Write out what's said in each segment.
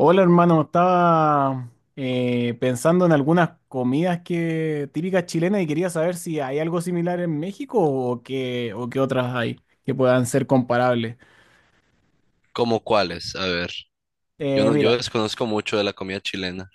Hola hermano, estaba pensando en algunas comidas que típicas chilenas y quería saber si hay algo similar en México o qué otras hay que puedan ser comparables. ¿Cómo cuáles? A ver, yo Eh, no, yo mira, desconozco mucho de la comida chilena.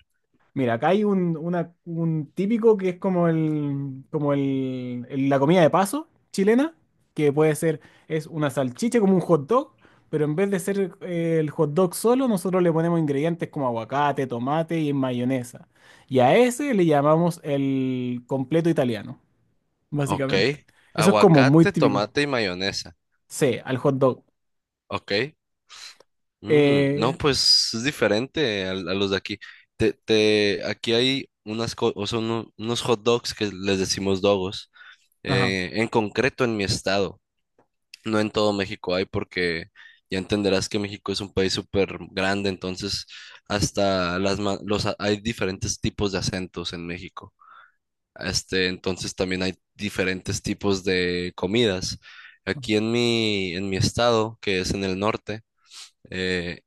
Mira, acá hay un típico que es como la comida de paso chilena, que puede ser, es una salchicha como un hot dog, pero en vez de ser el hot dog solo, nosotros le ponemos ingredientes como aguacate, tomate y mayonesa. Y a ese le llamamos el completo italiano, Ok. básicamente. Eso es como muy Aguacate, típico. tomate y mayonesa. Sí, al hot dog. Ok. Mm, no, Eh, pues es diferente a los de aquí. Aquí hay unas o sea, unos hot dogs que les decimos dogos, ajá. En concreto en mi estado. No en todo México hay porque ya entenderás que México es un país súper grande, entonces hasta las hay diferentes tipos de acentos en México. Este, entonces también hay diferentes tipos de comidas. Aquí en mi estado, que es en el norte, eh,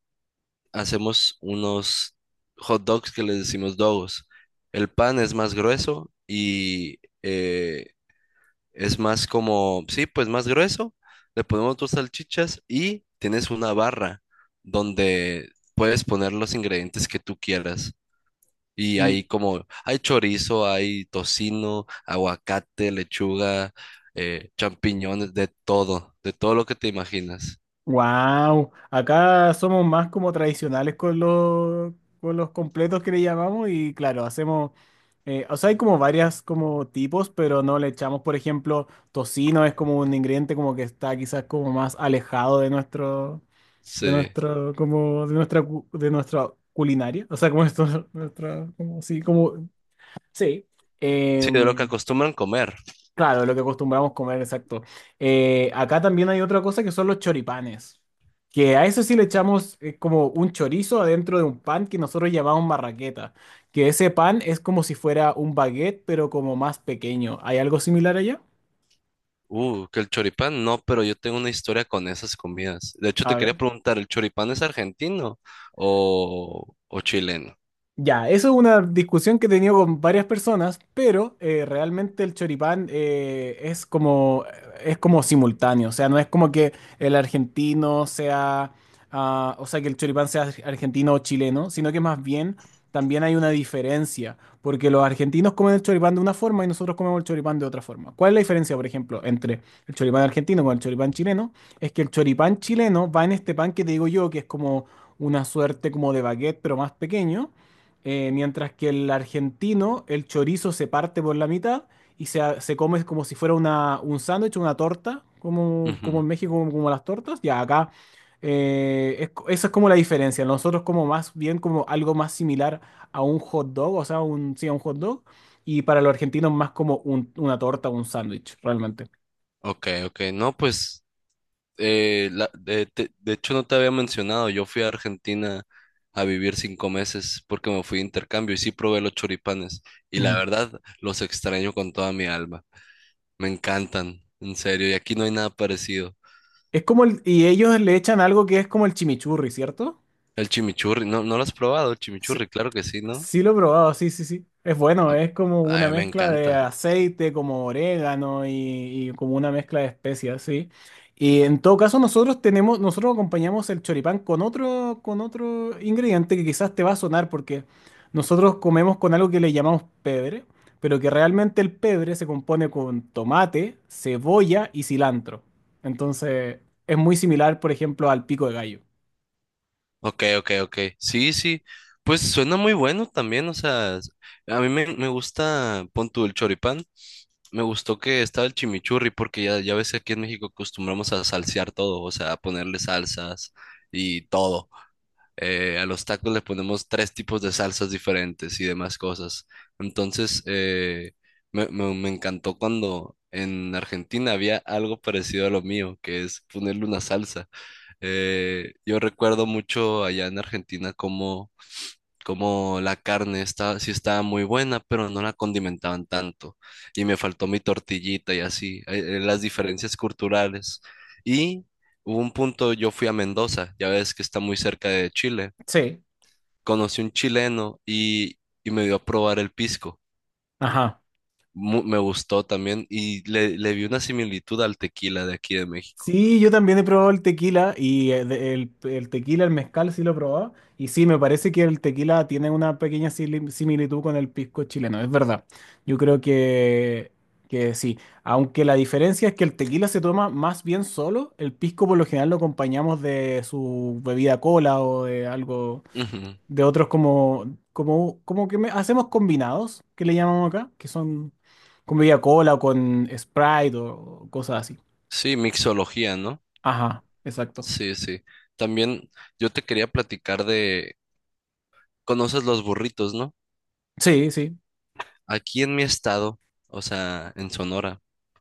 hacemos unos hot dogs que les decimos dogos. El pan es más grueso y, eh, es más como, sí, pues más grueso. Le ponemos dos salchichas y tienes una barra donde puedes poner los ingredientes que tú quieras. Y hay como, hay chorizo, hay tocino, aguacate, lechuga, champiñones, de todo lo que te imaginas. Wow, acá somos más como tradicionales con los completos que le llamamos y claro, hacemos, o sea, hay como varias como tipos, pero no le echamos, por ejemplo, tocino es como un ingrediente como que está quizás como más alejado de Sí, nuestro, como de nuestra, de nuestra culinaria, o sea, como esto, nuestra, como sí, como sí. sí, de lo que em, acostumbran comer. Claro, lo que acostumbramos comer, exacto. Acá también hay otra cosa que son los choripanes, que a eso sí le echamos como un chorizo adentro de un pan que nosotros llamamos marraqueta, que ese pan es como si fuera un baguette, pero como más pequeño. ¿Hay algo similar allá? Que el choripán, no, pero yo tengo una historia con esas comidas. De hecho, te A quería ver. preguntar, ¿el choripán es argentino o chileno? Ya, eso es una discusión que he tenido con varias personas, pero realmente el choripán es como simultáneo, o sea, no es como que el argentino sea, ah, o sea, que el choripán sea argentino o chileno, sino que más bien también hay una diferencia, porque los argentinos comen el choripán de una forma y nosotros comemos el choripán de otra forma. ¿Cuál es la diferencia, por ejemplo, entre el choripán argentino con el choripán chileno? Es que el choripán chileno va en este pan que te digo yo, que es como una suerte como de baguette, pero más pequeño mientras que el argentino, el chorizo se parte por la mitad y se, se come como si fuera una, un sándwich, una torta, como, como Ujú. en México, como, como las tortas. Ya acá, es esa es como la diferencia. Nosotros como más bien como algo más similar a un hot dog, o sea, un, sí, a un hot dog. Y para los argentinos más como una torta, un sándwich, realmente. Ok, ok. No, pues, de hecho no te había mencionado, yo fui a Argentina a vivir 5 meses porque me fui de intercambio y sí probé los choripanes y la Ujú. verdad los extraño con toda mi alma. Me encantan, en serio, y aquí no hay nada parecido. Es como y ellos le echan algo que es como el chimichurri, ¿cierto? El chimichurri, ¿no, no lo has probado, el Sí. chimichurri? Claro que sí, ¿no? Sí lo he probado, sí, sí, sí. Es A, bueno, es como a una mí me mezcla de encanta. aceite, como orégano y como una mezcla de especias, sí. Y en todo caso nosotros tenemos, nosotros acompañamos el choripán con otro ingrediente que quizás te va a sonar porque nosotros comemos con algo que le llamamos pebre, pero que realmente el pebre se compone con tomate, cebolla y cilantro. Entonces es muy similar, por ejemplo, al pico de gallo. Ok, ok, ok. Sí, sí. Pues suena muy bueno también, o sea, a mí me gusta, pon tú el choripán. Me gustó que estaba el chimichurri, porque ya, ya ves que aquí en México acostumbramos a salsear todo, o sea, a ponerle salsas y todo. A los tacos le ponemos 3 tipos de salsas diferentes y demás cosas. Entonces, me encantó cuando en Argentina había algo parecido a lo mío, que es ponerle una salsa. Yo recuerdo mucho allá en Argentina como, como la carne estaba, sí estaba muy buena, pero no la condimentaban tanto. Y me faltó mi tortillita y así, las diferencias culturales. Y hubo un punto, yo fui a Mendoza, ya ves que está muy cerca de Chile. Sí. Conocí un chileno y me dio a probar el pisco. Ajá. Me gustó también y le vi una similitud al tequila de aquí de México. Sí, yo también he probado el tequila y el tequila, el mezcal sí lo he probado. Y sí, me parece que el tequila tiene una pequeña similitud con el pisco chileno, es verdad. Yo creo que sí. Aunque la diferencia es que el tequila se toma más bien solo, el pisco por lo general lo acompañamos de su bebida cola o de algo, Ujú. de otros como, como, como que hacemos combinados, que le llamamos acá, que son con bebida cola o con Sprite o cosas así. Sí, mixología, ¿no? Ajá, exacto. Sí, sí. También yo te quería platicar de, ¿conoces los burritos, no? Sí, sí. Aquí en mi estado, o sea, en Sonora,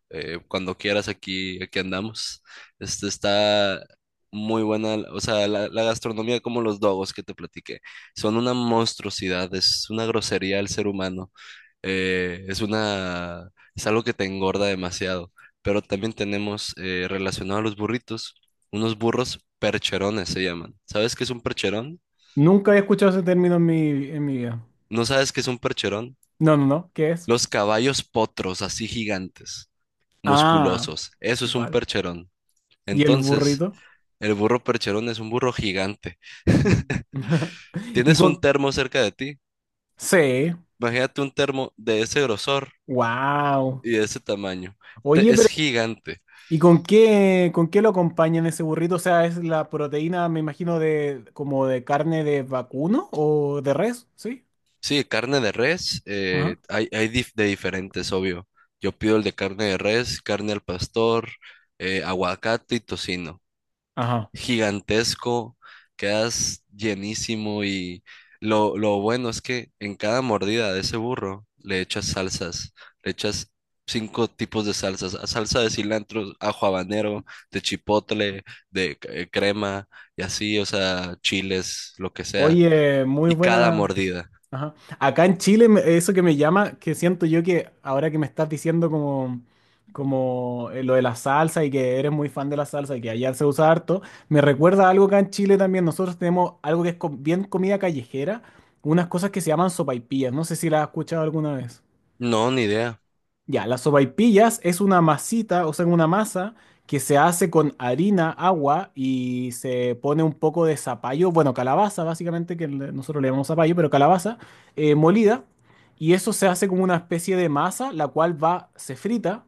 cuando quieras aquí, aquí andamos. Este está muy buena, o sea, la gastronomía como los dogos que te platiqué, son una monstruosidad, es una grosería al ser humano. Es una, es algo que te engorda demasiado. Pero también tenemos, relacionado a los burritos, unos burros percherones se llaman. ¿Sabes qué es un percherón? Nunca he escuchado ese término en mi vida. ¿No sabes qué es un percherón? No, no, no. ¿Qué es? Los caballos potros, así gigantes, Ah, musculosos. Eso es un vale. percherón. ¿Y el Entonces, burrito? el burro percherón es un burro gigante. Mm. Y Tienes un con... termo cerca de ti. Sí. Imagínate un termo de ese grosor Wow. y de ese tamaño. Oye, Es pero gigante. ¿y con qué lo acompañan ese burrito? O sea, es la proteína, me imagino, de como de carne de vacuno o de res, ¿sí? Sí, carne de res, Ajá. Hay, de diferentes, obvio. Yo pido el de carne de res, carne al pastor, aguacate y tocino. Ajá. Gigantesco, quedas llenísimo y lo bueno es que en cada mordida de ese burro le echas salsas, le echas 5 tipos de salsas, salsa de cilantro, ajo habanero, de chipotle, de crema y así, o sea, chiles, lo que sea. Oye, muy Y cada buena. mordida. Ajá. Acá en Chile, eso que me llama, que siento yo que ahora que me estás diciendo como, como lo de la salsa y que eres muy fan de la salsa y que allá se usa harto, me recuerda a algo acá en Chile también. Nosotros tenemos algo que es bien comida callejera, unas cosas que se llaman sopaipillas. No sé si las has escuchado alguna vez. No, ni idea. Ya, las sopaipillas es una masita, o sea, una masa que se hace con harina, agua y se pone un poco de zapallo, bueno, calabaza básicamente, que nosotros le llamamos zapallo, pero calabaza molida. Y eso se hace como una especie de masa, la cual va, se frita.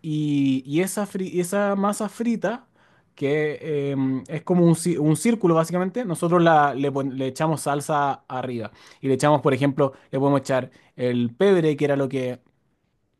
Y esa, y esa masa frita, que es como un, un círculo básicamente, nosotros la, le, le echamos salsa arriba. Y le echamos, por ejemplo, le podemos echar el pebre, que era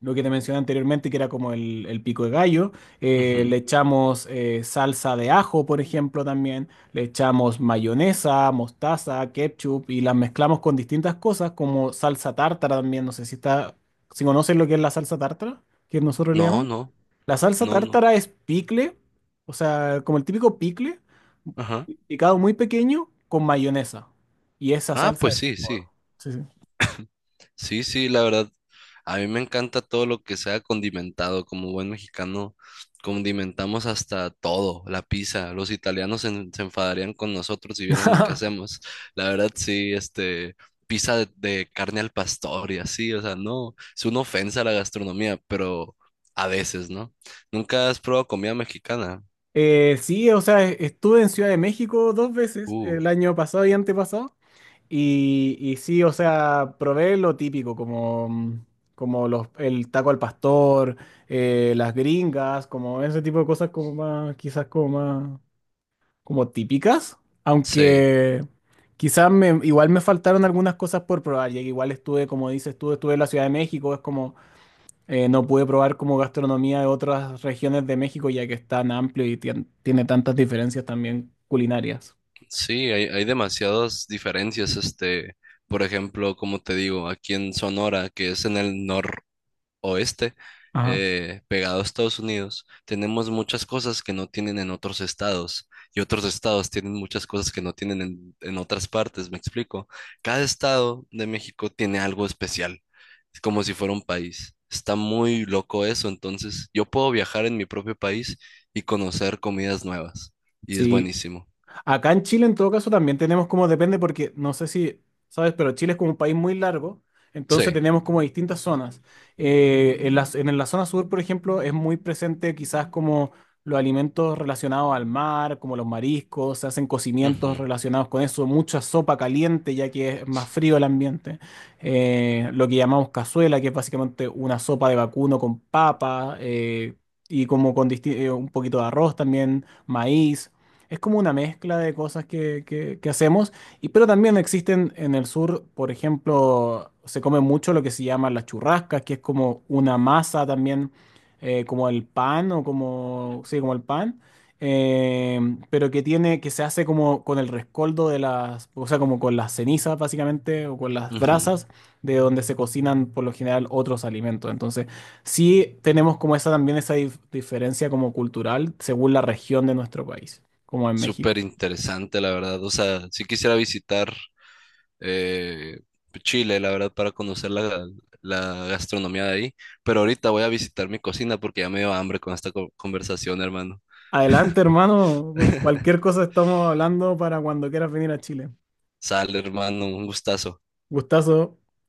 lo que te mencioné anteriormente, que era como el pico de gallo. Ujú. Le echamos salsa de ajo, por ejemplo, también. Le echamos mayonesa, mostaza, ketchup y las mezclamos con distintas cosas, como salsa tártara también. No sé si está, si conocen lo que es la salsa tártara, que nosotros le No, llamamos. no, La salsa no, no. tártara es picle, o sea, como el típico picle, Ajá. picado muy pequeño con mayonesa. Y esa Ah, salsa pues es... sí, sí. sí, sí. Sí, sí, la verdad. A mí me encanta todo lo que sea condimentado. Como buen mexicano, condimentamos hasta todo, la pizza. Los italianos se enfadarían con nosotros si vieran lo que hacemos. La verdad, sí, este, pizza de carne al pastor y así. O sea, no, es una ofensa a la gastronomía, pero a veces, ¿no? ¿Nunca has probado comida mexicana? Estuve en Ciudad de México dos veces, Uh, el año pasado y antepasado, y sí, o sea, probé lo típico, como, como los, el taco al pastor, las gringas, como ese tipo de cosas como más, quizás como más, como típicas, sí. aunque quizás me, igual me faltaron algunas cosas por probar, ya que igual estuve, como dices, estuve, estuve en la Ciudad de México, es como... no pude probar como gastronomía de otras regiones de México, ya que es tan amplio y tiene tantas diferencias también culinarias. Sí, hay demasiadas diferencias. Este, por ejemplo, como te digo, aquí en Sonora, que es en el noroeste, Ajá. Pegado a Estados Unidos, tenemos muchas cosas que no tienen en otros estados y otros estados tienen muchas cosas que no tienen en otras partes. ¿Me explico? Cada estado de México tiene algo especial. Es como si fuera un país. Está muy loco eso. Entonces, yo puedo viajar en mi propio país y conocer comidas nuevas. Y es Sí, buenísimo. acá en Chile, en todo caso, también tenemos como depende, porque no sé si sabes, pero Chile es como un país muy largo, Sí. entonces tenemos como distintas zonas. En la zona sur, por ejemplo, es muy presente quizás como los alimentos relacionados al mar, como los mariscos, se hacen cocimientos Ujú. relacionados con eso, mucha sopa caliente, ya que es más frío el ambiente. Lo que llamamos cazuela, que es básicamente una sopa de vacuno con papa, y como con un poquito de arroz también, maíz. Es como una mezcla de cosas que, que hacemos, y, pero también existen en el sur, por ejemplo, se come mucho lo que se llama las churrascas, que es como una masa también, como el pan o como, sí, como el pan, eh, pero que tiene, que se hace como con el rescoldo de las, o sea, como con las cenizas básicamente, o con las Ujú. brasas de donde se cocinan por lo general otros alimentos. Entonces, sí tenemos como esa también esa diferencia como cultural según la región de nuestro país como en México. Súper interesante, la verdad. O sea, sí quisiera visitar, eh, Chile, la verdad, para conocer la gastronomía de ahí. Pero ahorita voy a visitar mi cocina porque ya me dio hambre con esta conversación, hermano. Adelante, hermano. Cualquier cosa estamos hablando para cuando quieras venir a Chile. Sale, hermano, un gustazo. Gustazo.